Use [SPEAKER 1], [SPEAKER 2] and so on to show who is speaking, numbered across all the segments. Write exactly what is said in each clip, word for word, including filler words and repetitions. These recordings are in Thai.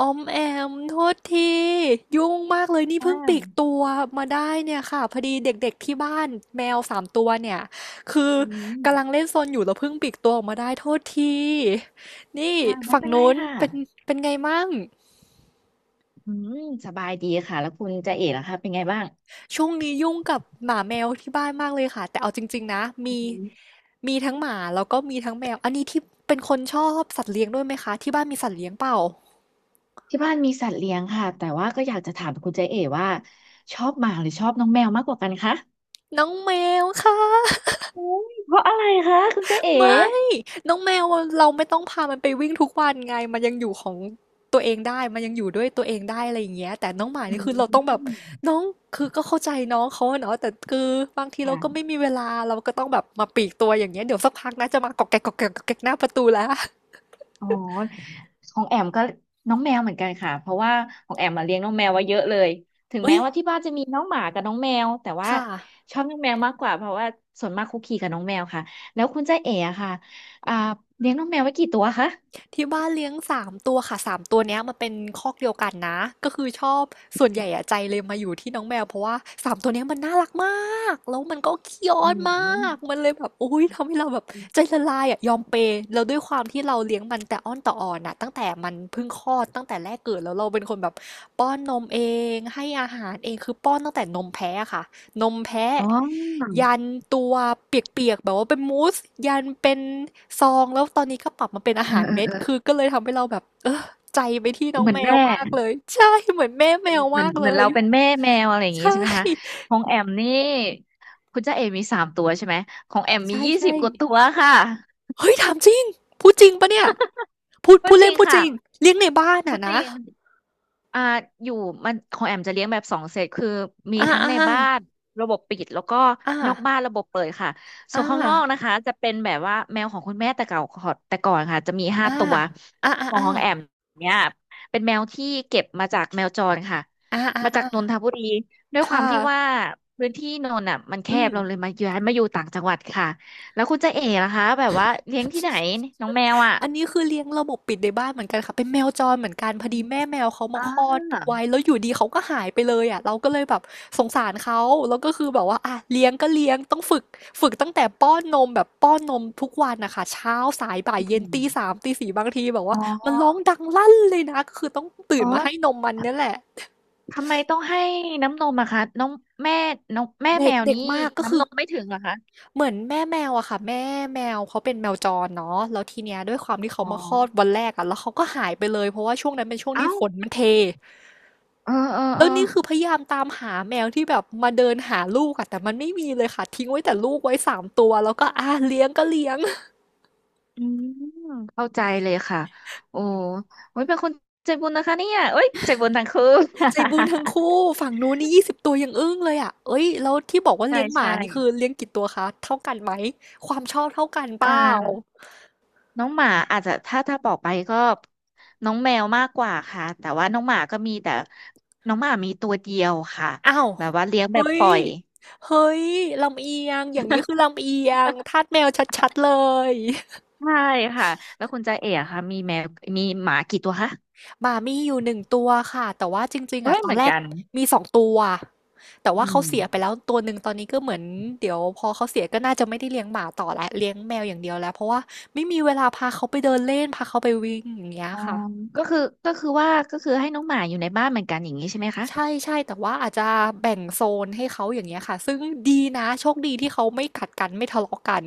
[SPEAKER 1] ออมแอมโทษทียุ่งมากเลยนี่
[SPEAKER 2] อ่า
[SPEAKER 1] เพิ่งปลีกตัวมาได้เนี่ยค่ะพอดีเด็กๆที่บ้านแมวสามตัวเนี่ยคือ
[SPEAKER 2] อืม
[SPEAKER 1] กำลังเล่นซนอยู่แล้วเพิ่งปลีกตัวออกมาได้โทษทีนี่
[SPEAKER 2] ค่ะ ไม่
[SPEAKER 1] ฝั่ง
[SPEAKER 2] เป็นไร
[SPEAKER 1] นู้น
[SPEAKER 2] ค่ะ
[SPEAKER 1] เป็นเป็นไงมั่ง
[SPEAKER 2] อืมสบายดีค่ะ แล้วคุณเจเอ๋ล่ะคะเป็นไงบ้าง
[SPEAKER 1] ช่วงนี้ยุ่งกับหมาแมวที่บ้านมากเลยค่ะแต่เอาจริงๆนะ
[SPEAKER 2] อื
[SPEAKER 1] มี
[SPEAKER 2] ม
[SPEAKER 1] มีทั้งหมาแล้วก็มีทั้งแมวอันนี้ที่เป็นคนชอบสัตว์เลี้ยงด้วยไหมคะที่บ้านมีสัตว์เลี้ยงเปล่า
[SPEAKER 2] ที่บ้านมีสัตว์เลี้ยงค่ะ แต่ว่าก็อยากจะถามคุณเจเอ๋ว่า ชอบหมาหรือชอบน้องแมวมากกว่ากันคะ
[SPEAKER 1] น้องแมวค่ะ
[SPEAKER 2] อุ๊ยเพราะอะไรคะคุณเจเอ๋
[SPEAKER 1] ไม่น้องแมวอะเราไม่ต้องพามันไปวิ่งทุกวันไงมันยังอยู่ของตัวเองได้มันยังอยู่ด้วยตัวเองได้อะไรอย่างเงี้ยแต่น้องหมา
[SPEAKER 2] อื
[SPEAKER 1] นี่คือเรา
[SPEAKER 2] ม
[SPEAKER 1] ต้องแบบน้องคือก็เข้าใจน้องเขาอะเนาะแต่คือบางทีเราก็
[SPEAKER 2] ค่ะ
[SPEAKER 1] ไม่มีเวลาเราก็ต้องแบบมาปลีกตัวอย่างเงี้ยเดี๋ยวสักพักนะจะมากอกแกกกอกแกกกอกแกกหน้าประตูแล้ว
[SPEAKER 2] อ๋อ ของแอมก็น้องแมวเหมือนกันค่ะเพราะว่าของแอมมาเลี้ยงน้องแมวไว้เยอะเลยถึง
[SPEAKER 1] เอ้
[SPEAKER 2] แม้
[SPEAKER 1] ย
[SPEAKER 2] ว่าที่บ้านจะมีน้องหมากับน้องแมวแต่ว่า
[SPEAKER 1] ค่ะ
[SPEAKER 2] ชอบน้องแมวมากกว่าเพราะว่าส่วนมากคุกคีกับน้องแมวค่ะแล้วคุณจ้าเอ๋อะค่ะอ่าเลี้ยงน้องแมวไว้กี่ตัวคะ
[SPEAKER 1] ที่บ้านเลี้ยงสามตัวค่ะสามตัวเนี้ยมันเป็นคอกเดียวกันนะก็คือชอบส่วนใหญ่อะใจเลยมาอยู่ที่น้องแมวเพราะว่าสามตัวเนี้ยมันน่ารักมากแล้วมันก็ขี้อ้
[SPEAKER 2] อื
[SPEAKER 1] อน
[SPEAKER 2] ม
[SPEAKER 1] มากมันเลยแบบอุ้ยทำให้เราแบบใจละลายอะยอมเปย์แล้วด้วยความที่เราเลี้ยงมันแต่อ้อนต่ออ่อนอะตั้งแต่มันเพิ่งคลอดตั้งแต่แรกเกิดแล้วเราเป็นคนแบบป้อนนมเองให้อาหารเองคือป้อนตั้งแต่นมแพ้อะค่ะ นมแพะ
[SPEAKER 2] อ๋อ
[SPEAKER 1] ยันตัวเปียกๆแบบว่าเป็นมูสยันเป็นซองแล้วตอนนี้ก็ปรับมาเป็นอา
[SPEAKER 2] เออ
[SPEAKER 1] หาร
[SPEAKER 2] เออ
[SPEAKER 1] เม็ด
[SPEAKER 2] เออ
[SPEAKER 1] คือก็เลยทำให้เราแบบเออใจไปที่น้อง
[SPEAKER 2] เหมือ
[SPEAKER 1] แม
[SPEAKER 2] น
[SPEAKER 1] ว
[SPEAKER 2] แม่
[SPEAKER 1] มากเลยใช่เหมือนแม่แมว
[SPEAKER 2] เหมื
[SPEAKER 1] มา
[SPEAKER 2] อน
[SPEAKER 1] กเล
[SPEAKER 2] เหมือน
[SPEAKER 1] ย
[SPEAKER 2] เราเป็นแม่แมวอะไรอย่าง
[SPEAKER 1] ใช
[SPEAKER 2] งี้ใช่ไหมคะ
[SPEAKER 1] ่
[SPEAKER 2] ของแอมนี่คุณจ้าเอ๋มีสามตัวใช่ไหมของแอมมี
[SPEAKER 1] ใช่
[SPEAKER 2] ยี่สิ
[SPEAKER 1] ใช่
[SPEAKER 2] บกว่าตัวค่ะ
[SPEAKER 1] เฮ้ยถามจริงพูดจริงปะเนี่ยพูด
[SPEAKER 2] ก็
[SPEAKER 1] พูด
[SPEAKER 2] จ
[SPEAKER 1] เล่
[SPEAKER 2] ริ
[SPEAKER 1] น
[SPEAKER 2] ง
[SPEAKER 1] พูดจ
[SPEAKER 2] ค่ะ
[SPEAKER 1] ริงเลี้ยงในบ้าน
[SPEAKER 2] ก็
[SPEAKER 1] อ่ะ
[SPEAKER 2] จ
[SPEAKER 1] นะ
[SPEAKER 2] ริง อ่าอยู่มันของแอมจะเลี้ยงแบบสองเซตคือมี
[SPEAKER 1] อ่า
[SPEAKER 2] ทั้ง
[SPEAKER 1] อ่า
[SPEAKER 2] ในบ้านระบบปิดแล้วก็
[SPEAKER 1] อ่า
[SPEAKER 2] นอกบ้านระบบเปิดค่ะส่วนข้าง
[SPEAKER 1] อ่า
[SPEAKER 2] นอกนะคะจะเป็นแบบว่าแมวของคุณแม่แต่เก่าขอแต่ก่อนค่ะจะมีห้า
[SPEAKER 1] อ่า
[SPEAKER 2] ตัว
[SPEAKER 1] อ่าอ่า
[SPEAKER 2] ของ
[SPEAKER 1] อ่า
[SPEAKER 2] ของแอมเนี่ยเป็นแมวที่เก็บมาจากแมวจรค่ะ
[SPEAKER 1] อ่าอ่า
[SPEAKER 2] มาจากนน
[SPEAKER 1] อ่า
[SPEAKER 2] ทบุรีด้วยความ
[SPEAKER 1] ค่ะ
[SPEAKER 2] ที่ว่าพื้นที่นนท์อ่ะมันแค
[SPEAKER 1] อืม
[SPEAKER 2] บเราเลยมาย้ายมาอยู่ต่างจังหวัดค่ะแล้วคุณจะเอ๋นะคะแบบว่าเลี้ยงที่ไหนน้องแมวอ่ะ
[SPEAKER 1] อันนี้คือเลี้ยงระบบปิดในบ้านเหมือนกันค่ะเป็นแมวจรเหมือนกัน
[SPEAKER 2] อ
[SPEAKER 1] พอดี
[SPEAKER 2] ม
[SPEAKER 1] แม่แมวเขามา
[SPEAKER 2] อ่า
[SPEAKER 1] คลอดไว้แล้วอยู่ดีเขาก็หายไปเลยอ่ะเราก็เลยแบบสงสารเขาแล้วก็คือแบบว่าอ่ะเลี้ยงก็เลี้ยงต้องฝึกฝึกตั้งแต่ป้อนนมแบบป้อนนมทุกวันนะคะเช้าสายบ่าย
[SPEAKER 2] อื
[SPEAKER 1] เย็นตีสาม
[SPEAKER 2] ม
[SPEAKER 1] ตีสี่บางทีแบบ
[SPEAKER 2] อ๋
[SPEAKER 1] ว่ามันร้อง
[SPEAKER 2] อ
[SPEAKER 1] ดังลั่นเลยนะก็คือต้องตื่
[SPEAKER 2] อ๋
[SPEAKER 1] น
[SPEAKER 2] อ
[SPEAKER 1] มาให้นมมัน
[SPEAKER 2] ท
[SPEAKER 1] เนี่ยแหละ
[SPEAKER 2] ทำไมต้องให้น้ำนมอะคะน้องแม่น้องแม่
[SPEAKER 1] เด็
[SPEAKER 2] แม
[SPEAKER 1] ก
[SPEAKER 2] ว
[SPEAKER 1] เด็ก
[SPEAKER 2] นี้
[SPEAKER 1] มากก็คื
[SPEAKER 2] น้ำ
[SPEAKER 1] อ
[SPEAKER 2] นมไม่ถึงเหรอคะ
[SPEAKER 1] เหมือนแม่แมวอะค่ะแม่แมวเขาเป็นแมวจรเนาะแล้วทีเนี้ยด้วยความที่เขา
[SPEAKER 2] อ๋อ
[SPEAKER 1] มาคลอดวันแรกอะแล้วเขาก็หายไปเลยเพราะว่าช่วงนั้นเป็นช่วงที่
[SPEAKER 2] เอ้า
[SPEAKER 1] ฝนมันเท
[SPEAKER 2] เออเออ
[SPEAKER 1] แล้
[SPEAKER 2] เออ
[SPEAKER 1] วนี่คือพยายามตามหาแมวที่แบบมาเดินหาลูกอะแต่มันไม่มีเลยค่ะทิ้งไว้แต่ลูกไว้สามตัวแล้วก็อาเลี้ยงก็เลี้ยง
[SPEAKER 2] อืมเข้าใจเลยค่ะโอ้โอ้ยเป็นคนใจบุญนะคะเนี่ยเอ้ยใจบุญทั้งคู่
[SPEAKER 1] ใจ บุญทั้งคู่ฝั่งนู้นนี่ยี่สิบตัวยังอึ้งเลยอะเอ้ยแล้วที่บอกว่า
[SPEAKER 2] ใช่
[SPEAKER 1] เลี้ยงหมา
[SPEAKER 2] ใช่
[SPEAKER 1] นี่คือเลี้ยงกี่ตัวคะเท่ากันไหมความชอบเท่ากันเป
[SPEAKER 2] อ่า
[SPEAKER 1] ล่า
[SPEAKER 2] น้องหมาอาจจะถ้าถ้าบอกไปก็น้องแมวมากกว่าค่ะแต่ว่าน้องหมาก็มีแต่น้องหมามีตัวเดียวค่ะ
[SPEAKER 1] อ้าว
[SPEAKER 2] แบบว่าเลี้ยงแบ
[SPEAKER 1] เฮ้
[SPEAKER 2] บป
[SPEAKER 1] ย
[SPEAKER 2] ล่อย
[SPEAKER 1] เฮ้ยลำเอียงอย่างนี้คือลำเอียงทาสแมวชัดๆเลย
[SPEAKER 2] ใช่ค่ะแล้วคุณจ่าเอ๋อะค่ะมีแมวมีหมากี่ตัวคะ
[SPEAKER 1] หมามีอยู่หนึ่งตัวค่ะ แต่ว่าจริงๆอะ
[SPEAKER 2] ไม่ย
[SPEAKER 1] ตอ
[SPEAKER 2] เห
[SPEAKER 1] น
[SPEAKER 2] มือ
[SPEAKER 1] แร
[SPEAKER 2] น
[SPEAKER 1] ก
[SPEAKER 2] กัน
[SPEAKER 1] มีสองตัวแต่
[SPEAKER 2] อื
[SPEAKER 1] ว่าเขาเสียไป
[SPEAKER 2] ม
[SPEAKER 1] แล้วตัวหนึ่งตอนนี้ก็เหมือนเดี๋ยวพอเขาเสียก็น่าจะไม่ได้เลี้ยงหมาต่อแล้วเลี้ยงแมวอย่างเดียวแล้วเพราะว่าไม่มีเวลาพาเขาไปเดินเล่นพาเขาไปวิ่งอย่างเงี้ย
[SPEAKER 2] อ๋อ
[SPEAKER 1] ค่ะ
[SPEAKER 2] ก็คือก็คือว่าก็คือให้น้องหมาอยู่ในบ้านเหมือนกันอย่างนี้ใช่ไหมคะ
[SPEAKER 1] ใช่ๆแต่ว่าอาจจะแบ่งโซนให้เขาอย่างเงี้ยค่ะซึ่งดีนะโชคดีที่เขาไม่ขัดกันไม่ทะเลาะกัน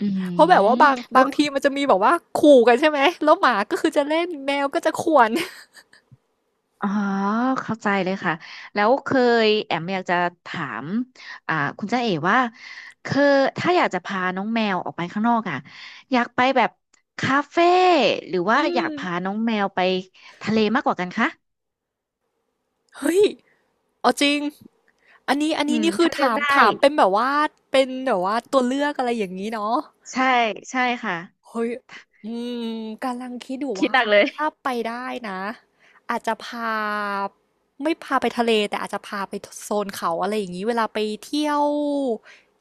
[SPEAKER 2] อื
[SPEAKER 1] เพราะแบ
[SPEAKER 2] ม
[SPEAKER 1] บว่าบาง
[SPEAKER 2] แล้
[SPEAKER 1] บา
[SPEAKER 2] ว
[SPEAKER 1] งทีมันจะมีแบบว่าขู่กันใช่ไหม แล้วหมาก็คือจะเล่นแมวก็จะข่วน
[SPEAKER 2] อ๋อเข้าใจเลยค่ะแล้วเคยแอมอยากจะถามอ่าคุณจ่าเอ๋ว่าเคยถ้าอยากจะพาน้องแมวออกไปข้างนอกอ่ะอยากไปแบบคาเฟ่หรือ ว่า
[SPEAKER 1] อื
[SPEAKER 2] อยา
[SPEAKER 1] ม
[SPEAKER 2] กพาน้องแมวไปทะเลมากกว่ากันคะ
[SPEAKER 1] เฮ้ย เอาจริงอันนี้อัน
[SPEAKER 2] อื
[SPEAKER 1] นี้
[SPEAKER 2] ม
[SPEAKER 1] นี่คือ
[SPEAKER 2] ถ้าเลือก
[SPEAKER 1] ถาม
[SPEAKER 2] ได้
[SPEAKER 1] ถามเป็นแบบว่าเป็นแบบว่าตัวเลือกอะไรอย่างนี้เนาะ
[SPEAKER 2] ใช่ใช่ค่ะ
[SPEAKER 1] เฮ้ย อืมกำลังคิดอยู่
[SPEAKER 2] คิด
[SPEAKER 1] ว่า
[SPEAKER 2] หนักเลย
[SPEAKER 1] ถ้าไปได้นะอาจจะพาไม่พาไปทะเลแต่อาจจะพาไปโซนเขาอะไรอย่างนี้เวลาไปเที่ยว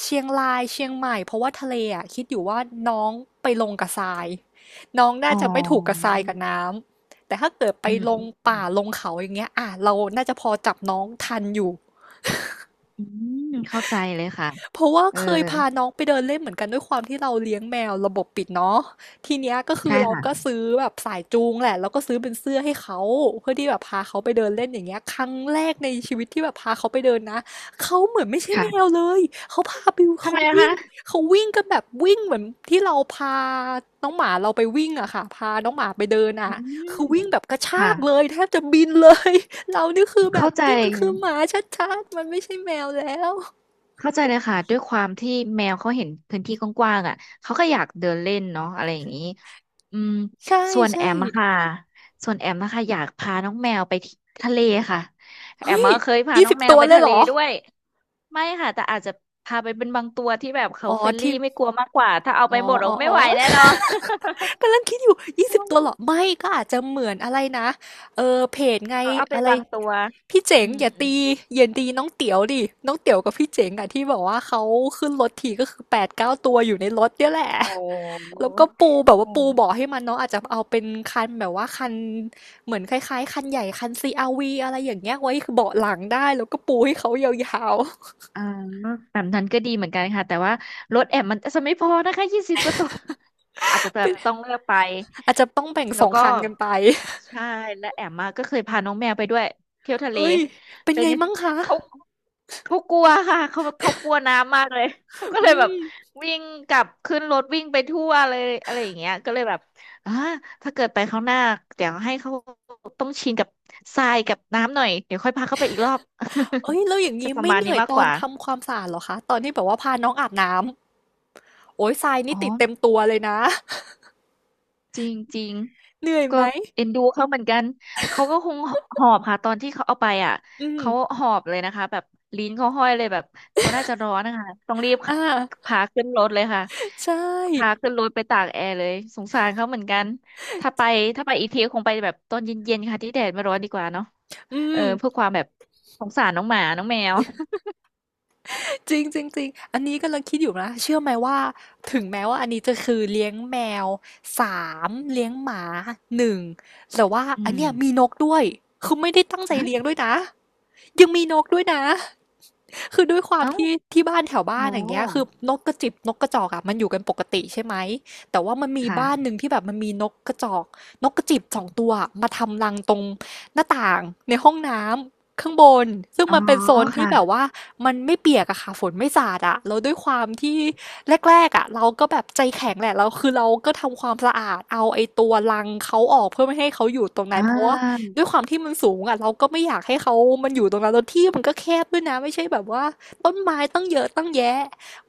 [SPEAKER 1] เชียงรายเชียงใหม่เพราะว่าทะเลอ่ะคิดอยู่ว่าน้องไปลงกับทรายน้องน่า
[SPEAKER 2] อ๋อ
[SPEAKER 1] จะไม่ถูกกับทรายกับน้ำแต่ถ้าเกิดไป
[SPEAKER 2] อืม
[SPEAKER 1] ลง
[SPEAKER 2] อืมอื
[SPEAKER 1] ป่า
[SPEAKER 2] ม
[SPEAKER 1] ลงเขาอย่างเงี้ยอ่ะเราน่าจะพอจับน้องทันอยู่
[SPEAKER 2] อืมเข้าใจเลยค่ะ
[SPEAKER 1] เพราะว่า
[SPEAKER 2] เออ
[SPEAKER 1] เคยพาน้องไปเดินเล่นเหมือนกันด้วยความที่เราเลี้ยงแมวระบบปิดเนาะทีเนี้ยก็คือ
[SPEAKER 2] ใช่
[SPEAKER 1] เรา
[SPEAKER 2] ค่ะ
[SPEAKER 1] ก็ซื้อแบบสายจูงแหละแล้วก็ซื้อเป็นเสื้อให้เขาเพื่อที่แบบพาเขาไปเดินเล่นอย่างเงี้ยครั้งแรกในชีวิตที่แบบพาเขาไปเดินนะเขาเหมือนไม่ใช่แมว
[SPEAKER 2] ค่ะ
[SPEAKER 1] เลยเขาพาไป
[SPEAKER 2] ทำ
[SPEAKER 1] เขา
[SPEAKER 2] ไมนะ
[SPEAKER 1] วิ่ง
[SPEAKER 2] คะ
[SPEAKER 1] เขาวิ่งกันแบบวิ่งเหมือนที่เราพาน้องหมาเราไปวิ่งอะค่ะพาน้องหมาไปเดิน
[SPEAKER 2] อื
[SPEAKER 1] อะ
[SPEAKER 2] ม
[SPEAKER 1] คือวิ่งแบบกระชา
[SPEAKER 2] ค่ะ
[SPEAKER 1] กเลยแทบจะบินเลย เรานี่คือแบบ
[SPEAKER 2] เข้าใจ
[SPEAKER 1] นี่มันคือหมาชัดๆมันไม่ใช่แมวแล้ว
[SPEAKER 2] เข้าใจเลยค่ะด้วยความที่แมวเขาเห็นพื้นที่กว้างๆอ่ะเขาก็อยากเดินเล่นเนาะอะไรอย่างนี้อืม
[SPEAKER 1] ใ
[SPEAKER 2] ส่วนแอมอะ
[SPEAKER 1] ช่
[SPEAKER 2] ค่ะส่วนแอมนะคะอยากพาน้องแมวไปที่ทะเลค่ะ
[SPEAKER 1] ๆ
[SPEAKER 2] แอม
[SPEAKER 1] เฮ้ย
[SPEAKER 2] ก็เคยพา
[SPEAKER 1] ยี่
[SPEAKER 2] น้อ
[SPEAKER 1] สิ
[SPEAKER 2] งแม
[SPEAKER 1] ศูนย์
[SPEAKER 2] ว
[SPEAKER 1] ตัว
[SPEAKER 2] ไป
[SPEAKER 1] เลย
[SPEAKER 2] ทะ
[SPEAKER 1] เหร
[SPEAKER 2] เล
[SPEAKER 1] อ
[SPEAKER 2] ด้วย ไม่ค่ะแต่อาจจะพาไปเป็นบางตัวที่แบบเขา
[SPEAKER 1] อ๋อ
[SPEAKER 2] เฟรนลี่
[SPEAKER 1] ที่
[SPEAKER 2] ไม่กลัวมากกว่าถ้าเอา
[SPEAKER 1] อ๋
[SPEAKER 2] ไป
[SPEAKER 1] อ
[SPEAKER 2] หมดเราไม่ไหวแน่
[SPEAKER 1] ๆ
[SPEAKER 2] น
[SPEAKER 1] ๆ
[SPEAKER 2] อน
[SPEAKER 1] กำลังคิดอยู่ยี่สิบตัวเหรอ ไม่ก็อาจจะเหมือนอะไรนะเอ่อเพจไง
[SPEAKER 2] เอาเอาไป
[SPEAKER 1] อะไร
[SPEAKER 2] บางตัว
[SPEAKER 1] พี่เจ๋ง
[SPEAKER 2] อืม
[SPEAKER 1] อย่า
[SPEAKER 2] อืม
[SPEAKER 1] ตีอย่าตีน้องเตี๋ยวดิน้องเตี๋ยวกับพี่เจ๋งอะที่แบบว่าเขาขึ้นรถทีก็คือแปดถึงเก้าตัวอยู่ในรถเนี่ยแหละ
[SPEAKER 2] โอ้
[SPEAKER 1] แล้วก็ปูแบบ
[SPEAKER 2] อ๋
[SPEAKER 1] ว่า
[SPEAKER 2] อ
[SPEAKER 1] ปูเบาะให้มันเนาะอาจจะเอาเป็นคันแบบว่าคันเหมือนคล้ายๆคันใหญ่คัน ซี อาร์ วี อะไรอย่างเงี้ยไว้คเบาะหลังได้แล้วก็ปูให้เขายาว
[SPEAKER 2] อ่าแบบนั้นก็ดีเหมือนกันค่ะแต่ว่ารถแอมมันจะไม่พอนะคะยี่สิบกว่าตัวอาจจะ
[SPEAKER 1] ๆ
[SPEAKER 2] แบ บ
[SPEAKER 1] เป็น
[SPEAKER 2] ต้องเลือกไป
[SPEAKER 1] อาจจะต้องแบ่งส
[SPEAKER 2] แล้
[SPEAKER 1] อ
[SPEAKER 2] ว
[SPEAKER 1] ง
[SPEAKER 2] ก็
[SPEAKER 1] คันกันไป
[SPEAKER 2] ใช่และแอมมาก็เคยพาน้องแมวไปด้วยเที่ยวทะเล
[SPEAKER 1] เอ้ยเป็น
[SPEAKER 2] เป็น
[SPEAKER 1] ไง
[SPEAKER 2] ยัง
[SPEAKER 1] มั่งคะ
[SPEAKER 2] เขาเขากลัวค่ะเขาเขากลัวน้ำมากเลยเขาก็เล
[SPEAKER 1] อื
[SPEAKER 2] ยแบบ
[SPEAKER 1] ม
[SPEAKER 2] วิ่งกลับขึ้นรถวิ่งไปทั่วเลยอะไรอย่างเงี้ยก็เลยแบบอ่าถ้าเกิดไปครั้งหน้าเดี๋ยวให้เขาต้องชินกับทรายกับน้ำหน่อยเดี๋ยวค่อยพาเขาไปอีกรอบ
[SPEAKER 1] เอ้ยแล้วอย่าง
[SPEAKER 2] จะ
[SPEAKER 1] นี้
[SPEAKER 2] ประ
[SPEAKER 1] ไม่
[SPEAKER 2] มาณ
[SPEAKER 1] เหนื่
[SPEAKER 2] นี้
[SPEAKER 1] อย
[SPEAKER 2] มาก
[SPEAKER 1] ต
[SPEAKER 2] ก
[SPEAKER 1] อน
[SPEAKER 2] ว่า
[SPEAKER 1] ทำความสะอาดเหรอคะตอนที่แบบว่าพาน้องอาบน้ำโอ้ยทรายนี่
[SPEAKER 2] อ๋อ
[SPEAKER 1] ติดเต็มตัวเลยนะ
[SPEAKER 2] จริงจริง
[SPEAKER 1] เหนื่อย
[SPEAKER 2] ก็
[SPEAKER 1] ไหม
[SPEAKER 2] เอ็นดูเขาเหมือนกันเขาก็คงหอบค่ะตอนที่เขาเอาไปอ่ะ
[SPEAKER 1] อืม
[SPEAKER 2] เขาหอบเลยนะคะแบบลิ้นเขาห้อยเลยแบบเขาน่าจะร้อนนะคะต้องรีบ
[SPEAKER 1] อ่า
[SPEAKER 2] พาขึ้นรถเลยค่ะ
[SPEAKER 1] ใช่
[SPEAKER 2] พาขึ้นรถไปตากแอร์เลยสงสารเขาเหมือนกันถ้าไปถ้าไปอีกทีคงไปแบบตอนเย็นๆค่ะที่แดดไม่ร้อนดีกว่าเนาะ
[SPEAKER 1] อื
[SPEAKER 2] เออเพื่อ
[SPEAKER 1] ม
[SPEAKER 2] ความแบบสงสารน้องหมาน้องแมว
[SPEAKER 1] จริงจริงจริงอันนี้กำลังคิดอยู่นะเชื่อไหมว่า ถึงแม้ว่าอันนี้จะคือเลี้ยงแมวสามเลี้ยงหมาหนึ่งแต่ว่า
[SPEAKER 2] อื
[SPEAKER 1] อัน
[SPEAKER 2] ม
[SPEAKER 1] เนี้ยมีนกด้วยคือไม่ได้ตั้งใจ
[SPEAKER 2] ฮะ
[SPEAKER 1] เลี้ยงด้วยนะ ยังมีนกด้วยนะ คือด้วยความ
[SPEAKER 2] เอ้า
[SPEAKER 1] ที่ที่บ้านแถวบ้า
[SPEAKER 2] โห
[SPEAKER 1] นอย่างเงี้ยคือนกกระจิบนกกระจอกอ่ะมันอยู่กันปกติใช่ไหมแต่ว่ามันมีบ้านหนึ่ง
[SPEAKER 2] ค่ะ
[SPEAKER 1] ที่แบบมันมีนกกระจอกนกกระจิบสองตัวอะมาทำรังตรงหน้าต่างในห้องน้ำข้างบนซึ่ง
[SPEAKER 2] อ๋อ
[SPEAKER 1] มันเป็นโซนที่
[SPEAKER 2] ค่ะ
[SPEAKER 1] แบบว่ามันไม่เปียกอะค่ะฝนไม่สาดอะแล้วด้วยความที่แรกๆอะเราก็แบบใจแข็งแหละเราคือเราก็ทำความสะอาดเอาไอ้ตัวรังเขาออกเพื่อไม่ให้เขาอยู่ตรงนั้
[SPEAKER 2] อ่
[SPEAKER 1] นเพราะว่า
[SPEAKER 2] า
[SPEAKER 1] ด้วยความที่มันสูงอ่ะเราก็ไม่อยากให้เขามันอยู่ตรงนั้นแล้วที่มันก็แคบด้วยนะไม่ใช่แบบว่าต้นไม้ตั้งเยอะตั้งแยะ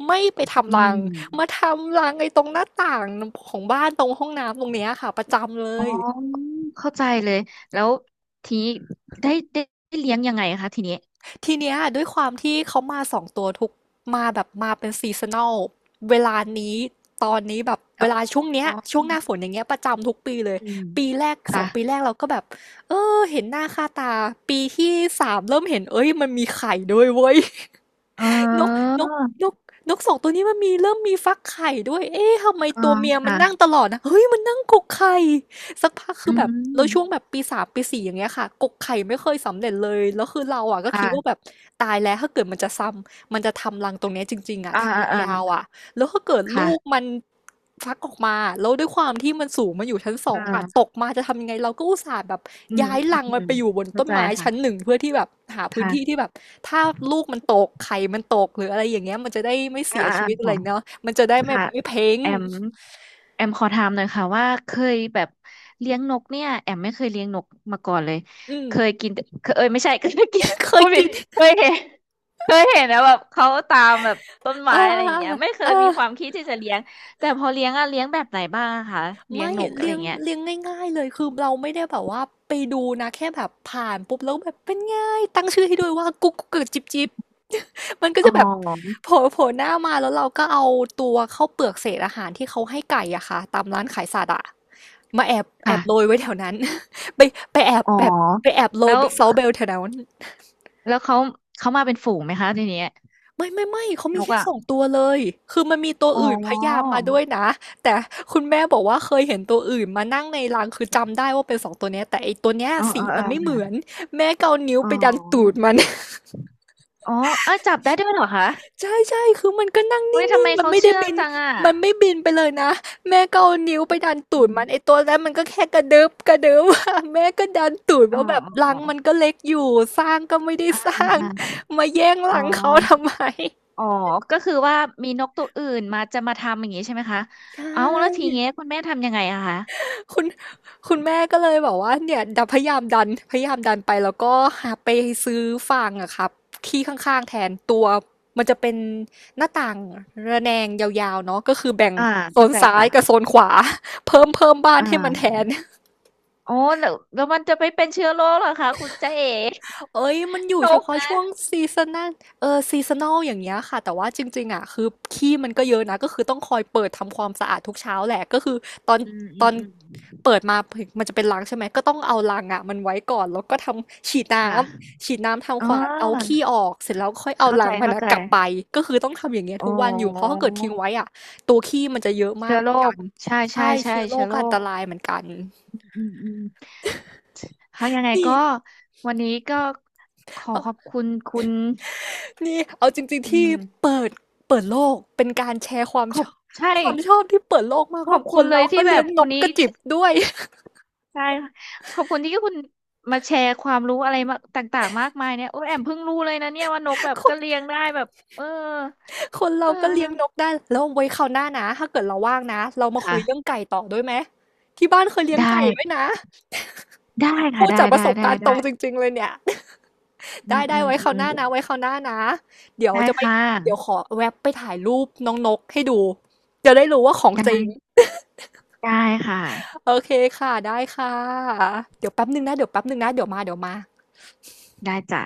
[SPEAKER 1] ไม่ไป
[SPEAKER 2] อื
[SPEAKER 1] ทำรังมาท
[SPEAKER 2] ม
[SPEAKER 1] ำรังไอ้ตรงหน้าต่างของบ้านตรงห้องน้ำตรงเนี้ยค่ะประจำเล
[SPEAKER 2] อ๋อ
[SPEAKER 1] ย
[SPEAKER 2] เข้าใจเลยแล้วทีนี้ได้ได้ได้เลี้ยงยังไงคะทีนี้
[SPEAKER 1] ทีเนี้ยด้วยความที่เขามาสองตัวทุกมาแบบมาเป็นซีซันอลเวลานี้ตอนนี้แบบเว
[SPEAKER 2] อ๋
[SPEAKER 1] ลา
[SPEAKER 2] อ
[SPEAKER 1] ช่วงเนี้ยช่วงหน้าฝนอย่างเงี้ยประจำทุกปีเลย
[SPEAKER 2] อืม
[SPEAKER 1] ปีแรกส
[SPEAKER 2] ค่ะ
[SPEAKER 1] องปีแรกเราก็แบบเออเห็นหน้าค่าตาปีที่สามเริ่มเห็นเอ้ยมันมีไข่ด้วยเว้ย
[SPEAKER 2] อ๋
[SPEAKER 1] นก
[SPEAKER 2] อ
[SPEAKER 1] นกนกนกสองตัวนี้มันมีเริ่มมีฟักไข่ด้วยเอ๊ะทำไม
[SPEAKER 2] อ๋อ
[SPEAKER 1] ตัวเมียมันนั่ง
[SPEAKER 2] ค่ะ
[SPEAKER 1] ตลอดนะเฮ้ยมันนั่งกกไข่สักพักคื
[SPEAKER 2] อื
[SPEAKER 1] อแบบแล้วช่วงแบ
[SPEAKER 2] ม
[SPEAKER 1] บปีสามปีสี่อย่างเงี้ยค่ะกกไข่ไม่เคยสำเร็จเลยแล้วคือเราอ่ะก็คิดว่าแบบ
[SPEAKER 2] ค่ะ
[SPEAKER 1] ตายแล้วถ้าเกิดมันจะซ้ำมันจะทำรังตรงเนี้ยจริงๆอ่ะ
[SPEAKER 2] อ่าอ่า
[SPEAKER 1] ทำ
[SPEAKER 2] อ่า
[SPEAKER 1] ยาวๆอ่ะ แล้วถ้าเกิดลู
[SPEAKER 2] ค่ะ
[SPEAKER 1] กมันฟักออกมาแล้วด้วยความที่มันสูงมันอยู่ชั้นสอ
[SPEAKER 2] อ่
[SPEAKER 1] งอะต
[SPEAKER 2] า
[SPEAKER 1] กมาจะทำยังไงเราก็อุตส่าห์แบบ
[SPEAKER 2] อืม
[SPEAKER 1] ย้าย
[SPEAKER 2] อืม
[SPEAKER 1] รังมัน
[SPEAKER 2] อื
[SPEAKER 1] ไป
[SPEAKER 2] ม
[SPEAKER 1] อยู่บน
[SPEAKER 2] เข้า
[SPEAKER 1] ต้น
[SPEAKER 2] ใจ
[SPEAKER 1] ไม้ชั้นห
[SPEAKER 2] ค่ะ
[SPEAKER 1] นึ่งเพื่อที่แบบหาพื้นที่ที่
[SPEAKER 2] ค่ะ
[SPEAKER 1] แบบถ้าลูกมันตกไข่มันตกหรืออะไรอย่างเงี้ยมันจะได้ไม่
[SPEAKER 2] อ่า
[SPEAKER 1] เสียชี
[SPEAKER 2] อ่า
[SPEAKER 1] วิตอะไร
[SPEAKER 2] ค่ะ
[SPEAKER 1] เนาะมันจะได้ไม่
[SPEAKER 2] ค่ะ
[SPEAKER 1] ไม่เพ้ง
[SPEAKER 2] แอมแอมขอถามหน่อยค่ะว่าเคยแบบเลี้ยงนกเนี่ยแอมไม่เคยเลี้ยงนกมาก่อนเลย
[SPEAKER 1] อืม
[SPEAKER 2] เคยกินแต่เคยเอ้ยไม่ใช่ เคยกิน
[SPEAKER 1] เค
[SPEAKER 2] พู
[SPEAKER 1] ย
[SPEAKER 2] ดผิ
[SPEAKER 1] กิ
[SPEAKER 2] ด
[SPEAKER 1] น
[SPEAKER 2] เคยเห็นเคยเห็นนะแบบเขาตามแบบต้นไม้
[SPEAKER 1] อ่า
[SPEAKER 2] อะไรอย่างเงี้ยไม่เค
[SPEAKER 1] อ่า
[SPEAKER 2] ยมีความคิดที่จะเลี้ยงแต่พอเลี้ยงอะเลี้ยงแบบไหนบ้างอะคะเลี้ยง
[SPEAKER 1] ไม่
[SPEAKER 2] นกอะ
[SPEAKER 1] เลี้ยง
[SPEAKER 2] ไร่าเงี้ย
[SPEAKER 1] เลี้ยงง่ายๆเลยคือเราไม่ได้แบบว่าไปดูนะแค่แบบผ่านปุ๊บแล้วแบบเป็นไง่ายตั้งชื่อให้ด้วยว่ากุ๊กกุ๊กกับจิ๊บจิ๊บ มันก็
[SPEAKER 2] อ๋
[SPEAKER 1] จะแบบ
[SPEAKER 2] อ
[SPEAKER 1] โผล่โผล่หน้ามาแล้วเราก็เอาตัวข้าวเปลือกเศษอาหารที่เขาให้ไก่อะค่ะตามร้านขายสัตว์อะมาแอบแอบโรย
[SPEAKER 2] ค่ะ
[SPEAKER 1] ไว้แถวนั้น ไปไปแอบ
[SPEAKER 2] อ๋อ
[SPEAKER 1] แบบไปแอบโร
[SPEAKER 2] แล้
[SPEAKER 1] ย
[SPEAKER 2] ว
[SPEAKER 1] ไปเซาเบลแถวนั้น
[SPEAKER 2] แล้วเขาเขามาเป็นฝูงไหมคะทีเนี้ย
[SPEAKER 1] ไม่ไม่ไม่เขามี
[SPEAKER 2] นก
[SPEAKER 1] แค่
[SPEAKER 2] อะ
[SPEAKER 1] สองตัวเลยคือมันมีตัว
[SPEAKER 2] อ๋อ
[SPEAKER 1] อื่นพยายามมาด้วยนะแต่คุณแม่บอกว่าเคยเห็นตัวอื่นมานั่งในรังคือจำได้ว่าเป็นสองตัวเนี้ยแต่ไอตัวเนี้ย
[SPEAKER 2] อ๋อ
[SPEAKER 1] สี
[SPEAKER 2] อ๋อ
[SPEAKER 1] มั
[SPEAKER 2] อ๋อ
[SPEAKER 1] นไม่เหมือนแม่ก็เอานิ้ว
[SPEAKER 2] อ๋อ
[SPEAKER 1] ไปดันตูดมัน
[SPEAKER 2] อ๋อเอ้ยจับได้ด้วยเหรอคะ
[SPEAKER 1] ใช่ๆคือมันก็นั่งนิ
[SPEAKER 2] เฮ้ยทำ
[SPEAKER 1] ่ง
[SPEAKER 2] ไม
[SPEAKER 1] ๆ มัน
[SPEAKER 2] เขา
[SPEAKER 1] ไม่ได้
[SPEAKER 2] เชื่อง
[SPEAKER 1] บิน
[SPEAKER 2] จังอ่ะ
[SPEAKER 1] มันไม่บินไปเลยนะแม่ก็เอานิ้วไปดันตู
[SPEAKER 2] อื
[SPEAKER 1] ดมันไอ้
[SPEAKER 2] ม
[SPEAKER 1] ตัวนั้นมันก็แค่กระดึ๊บกระดึ๊บ อะแม่ก็ดันตูด
[SPEAKER 2] อ๋อ
[SPEAKER 1] ว่าแบบรั
[SPEAKER 2] อ๋
[SPEAKER 1] ง
[SPEAKER 2] อ
[SPEAKER 1] มันก็เล็กอยู่สร้างก็ไม่ได้
[SPEAKER 2] อ่า
[SPEAKER 1] ส
[SPEAKER 2] อ่า
[SPEAKER 1] ร้าง
[SPEAKER 2] อ่า
[SPEAKER 1] มาแย่ง
[SPEAKER 2] อ๋อ
[SPEAKER 1] รังเขาทำไม
[SPEAKER 2] อ๋อ ก็คือว่ามีนกตัวอื่นมาจะมาทำอย่างนี้ใช่ไหมคะ
[SPEAKER 1] ใช่
[SPEAKER 2] เอ้าแล้วทีเงี้ยคุณแม่ทำยังไงอะคะ
[SPEAKER 1] คุณ คุณแม่ก็เลยบอกว่าเนี่ยดันพยายามดันพยายามดันไปแล้วก็หาไปซื้อฟางอะครับที่ข้างๆแทนตัวมันจะเป็นหน้าต่าง ระแนงยาวๆเนาะก็คือแบ่ง
[SPEAKER 2] ออ่า
[SPEAKER 1] โซ
[SPEAKER 2] เข้า
[SPEAKER 1] น
[SPEAKER 2] ใจ
[SPEAKER 1] ซ้ายกับ
[SPEAKER 2] ค่ะ
[SPEAKER 1] โซนขวา เพิ่มเพิ่มบ้าน
[SPEAKER 2] อ่
[SPEAKER 1] ให้มันแท
[SPEAKER 2] า
[SPEAKER 1] น
[SPEAKER 2] โอ้แล้วแล้วมันจะไปเป็นเชื้อโรคเหรอคะคุณจ๊ะเอ๋
[SPEAKER 1] เอ้ยมันอยู่
[SPEAKER 2] น
[SPEAKER 1] เฉ
[SPEAKER 2] ก
[SPEAKER 1] พาะช่
[SPEAKER 2] นะ
[SPEAKER 1] วงซีซันนัลเออซีซันอลอย่างเงี้ยค่ะแต่ว่าจริงๆอ่ะคือขี้มันก็เยอะนะก็คือต้องคอยเปิดทำความสะอาดทุกเช้าแหละก็คือตอน
[SPEAKER 2] อืม
[SPEAKER 1] ต
[SPEAKER 2] อื
[SPEAKER 1] อ
[SPEAKER 2] ม
[SPEAKER 1] น
[SPEAKER 2] อืม
[SPEAKER 1] เปิดมามันจะเป็นรังใช่ไหมก็ต้องเอารังอ่ะมันไว้ก่อนแล้วก็ทำฉีดน้
[SPEAKER 2] ค่ะ
[SPEAKER 1] ำฉีดน้ำ
[SPEAKER 2] อ๋
[SPEAKER 1] ทำค
[SPEAKER 2] อ
[SPEAKER 1] วาดเอาขี้ออกเสร็จแล้วค่อยเอา
[SPEAKER 2] เข้า
[SPEAKER 1] รั
[SPEAKER 2] ใจ
[SPEAKER 1] งมัน
[SPEAKER 2] เข้า
[SPEAKER 1] นะ
[SPEAKER 2] ใจ
[SPEAKER 1] กลับไปก็คือต้องทำอย่างเงี้ย
[SPEAKER 2] อ๋อ
[SPEAKER 1] ทุกวันอยู่เพราะถ้าเกิดทิ้งไว้อ่ะตัวขี้มันจะเยอะมาก
[SPEAKER 2] เชื้อ
[SPEAKER 1] เห
[SPEAKER 2] โร
[SPEAKER 1] มือนกั
[SPEAKER 2] ค
[SPEAKER 1] น
[SPEAKER 2] ใช่
[SPEAKER 1] ใช่
[SPEAKER 2] ใช่ใช่
[SPEAKER 1] เชื้อโร
[SPEAKER 2] เชื้
[SPEAKER 1] ค
[SPEAKER 2] อ
[SPEAKER 1] ก็
[SPEAKER 2] โร
[SPEAKER 1] อันต
[SPEAKER 2] ค
[SPEAKER 1] รายเหมือนกัน
[SPEAKER 2] อืมอืมค่ะยังไง
[SPEAKER 1] นี่
[SPEAKER 2] ก็วันนี้ก็ขอขอบคุณคุณ
[SPEAKER 1] นี่เอาจริง
[SPEAKER 2] อื
[SPEAKER 1] ๆที่
[SPEAKER 2] ม
[SPEAKER 1] เปิดเปิดโลกเป็นการแชร์ความ
[SPEAKER 2] ข
[SPEAKER 1] ช
[SPEAKER 2] อบ
[SPEAKER 1] อบ
[SPEAKER 2] ใช่
[SPEAKER 1] ความชอบที่เปิดโลกมาก
[SPEAKER 2] ขอ
[SPEAKER 1] ว่า
[SPEAKER 2] บ
[SPEAKER 1] ค
[SPEAKER 2] คุณ
[SPEAKER 1] น
[SPEAKER 2] เล
[SPEAKER 1] เรา
[SPEAKER 2] ย
[SPEAKER 1] ก็
[SPEAKER 2] ที่แบ
[SPEAKER 1] เลี้ย
[SPEAKER 2] บ
[SPEAKER 1] งน
[SPEAKER 2] คุณ
[SPEAKER 1] กก
[SPEAKER 2] นี้
[SPEAKER 1] ระจิบด้วย
[SPEAKER 2] ใช่ขอบคุณที่คุณมาแชร์ความรู้อะไรมาต่างๆมากมายเนี่ยโอ้ยแอมเพิ่งรู้เลยนะเนี่ยว่านกแบ บ
[SPEAKER 1] ค
[SPEAKER 2] ก็เลี้
[SPEAKER 1] น
[SPEAKER 2] ยงได้แบบเออ
[SPEAKER 1] คนเรา
[SPEAKER 2] เอ
[SPEAKER 1] ก็เลี้ยงนก
[SPEAKER 2] อ
[SPEAKER 1] ได้แล้วไว้คราวหน้านะถ้าเกิดเราว่างนะเรามาคุ
[SPEAKER 2] ค่ะ
[SPEAKER 1] ยเรื่องไก่ต่อด้วยไหมที่บ้านเคยเลี้ยง
[SPEAKER 2] ได้
[SPEAKER 1] ไก่ด้วยนะ
[SPEAKER 2] ได้
[SPEAKER 1] พู
[SPEAKER 2] ค่ะ
[SPEAKER 1] ด
[SPEAKER 2] ได้
[SPEAKER 1] จากประ
[SPEAKER 2] ได้
[SPEAKER 1] สบ
[SPEAKER 2] ได้
[SPEAKER 1] การณ์ตร
[SPEAKER 2] ได้
[SPEAKER 1] งจริงๆเลยเนี่ย
[SPEAKER 2] อื
[SPEAKER 1] ได้
[SPEAKER 2] มอื
[SPEAKER 1] ได้
[SPEAKER 2] ม
[SPEAKER 1] ไว้คราว
[SPEAKER 2] อื
[SPEAKER 1] ห
[SPEAKER 2] ม
[SPEAKER 1] น้านะไว้คราวหน้านะเดี๋ยว
[SPEAKER 2] ได้
[SPEAKER 1] จะไป
[SPEAKER 2] ค่ะ
[SPEAKER 1] เดี๋ยวขอแวบไปถ่ายรูปน้องนกให้ดูจะได้รู้ว่าของจริง
[SPEAKER 2] ได้ค่ะ
[SPEAKER 1] โอเคค่ะได้ค่ะเดี๋ยวแป๊บหนึงนะเดี๋ยวแป๊บหนึงนะเดี๋ยวมาเดี๋ยวมา
[SPEAKER 2] ได้จ้ะ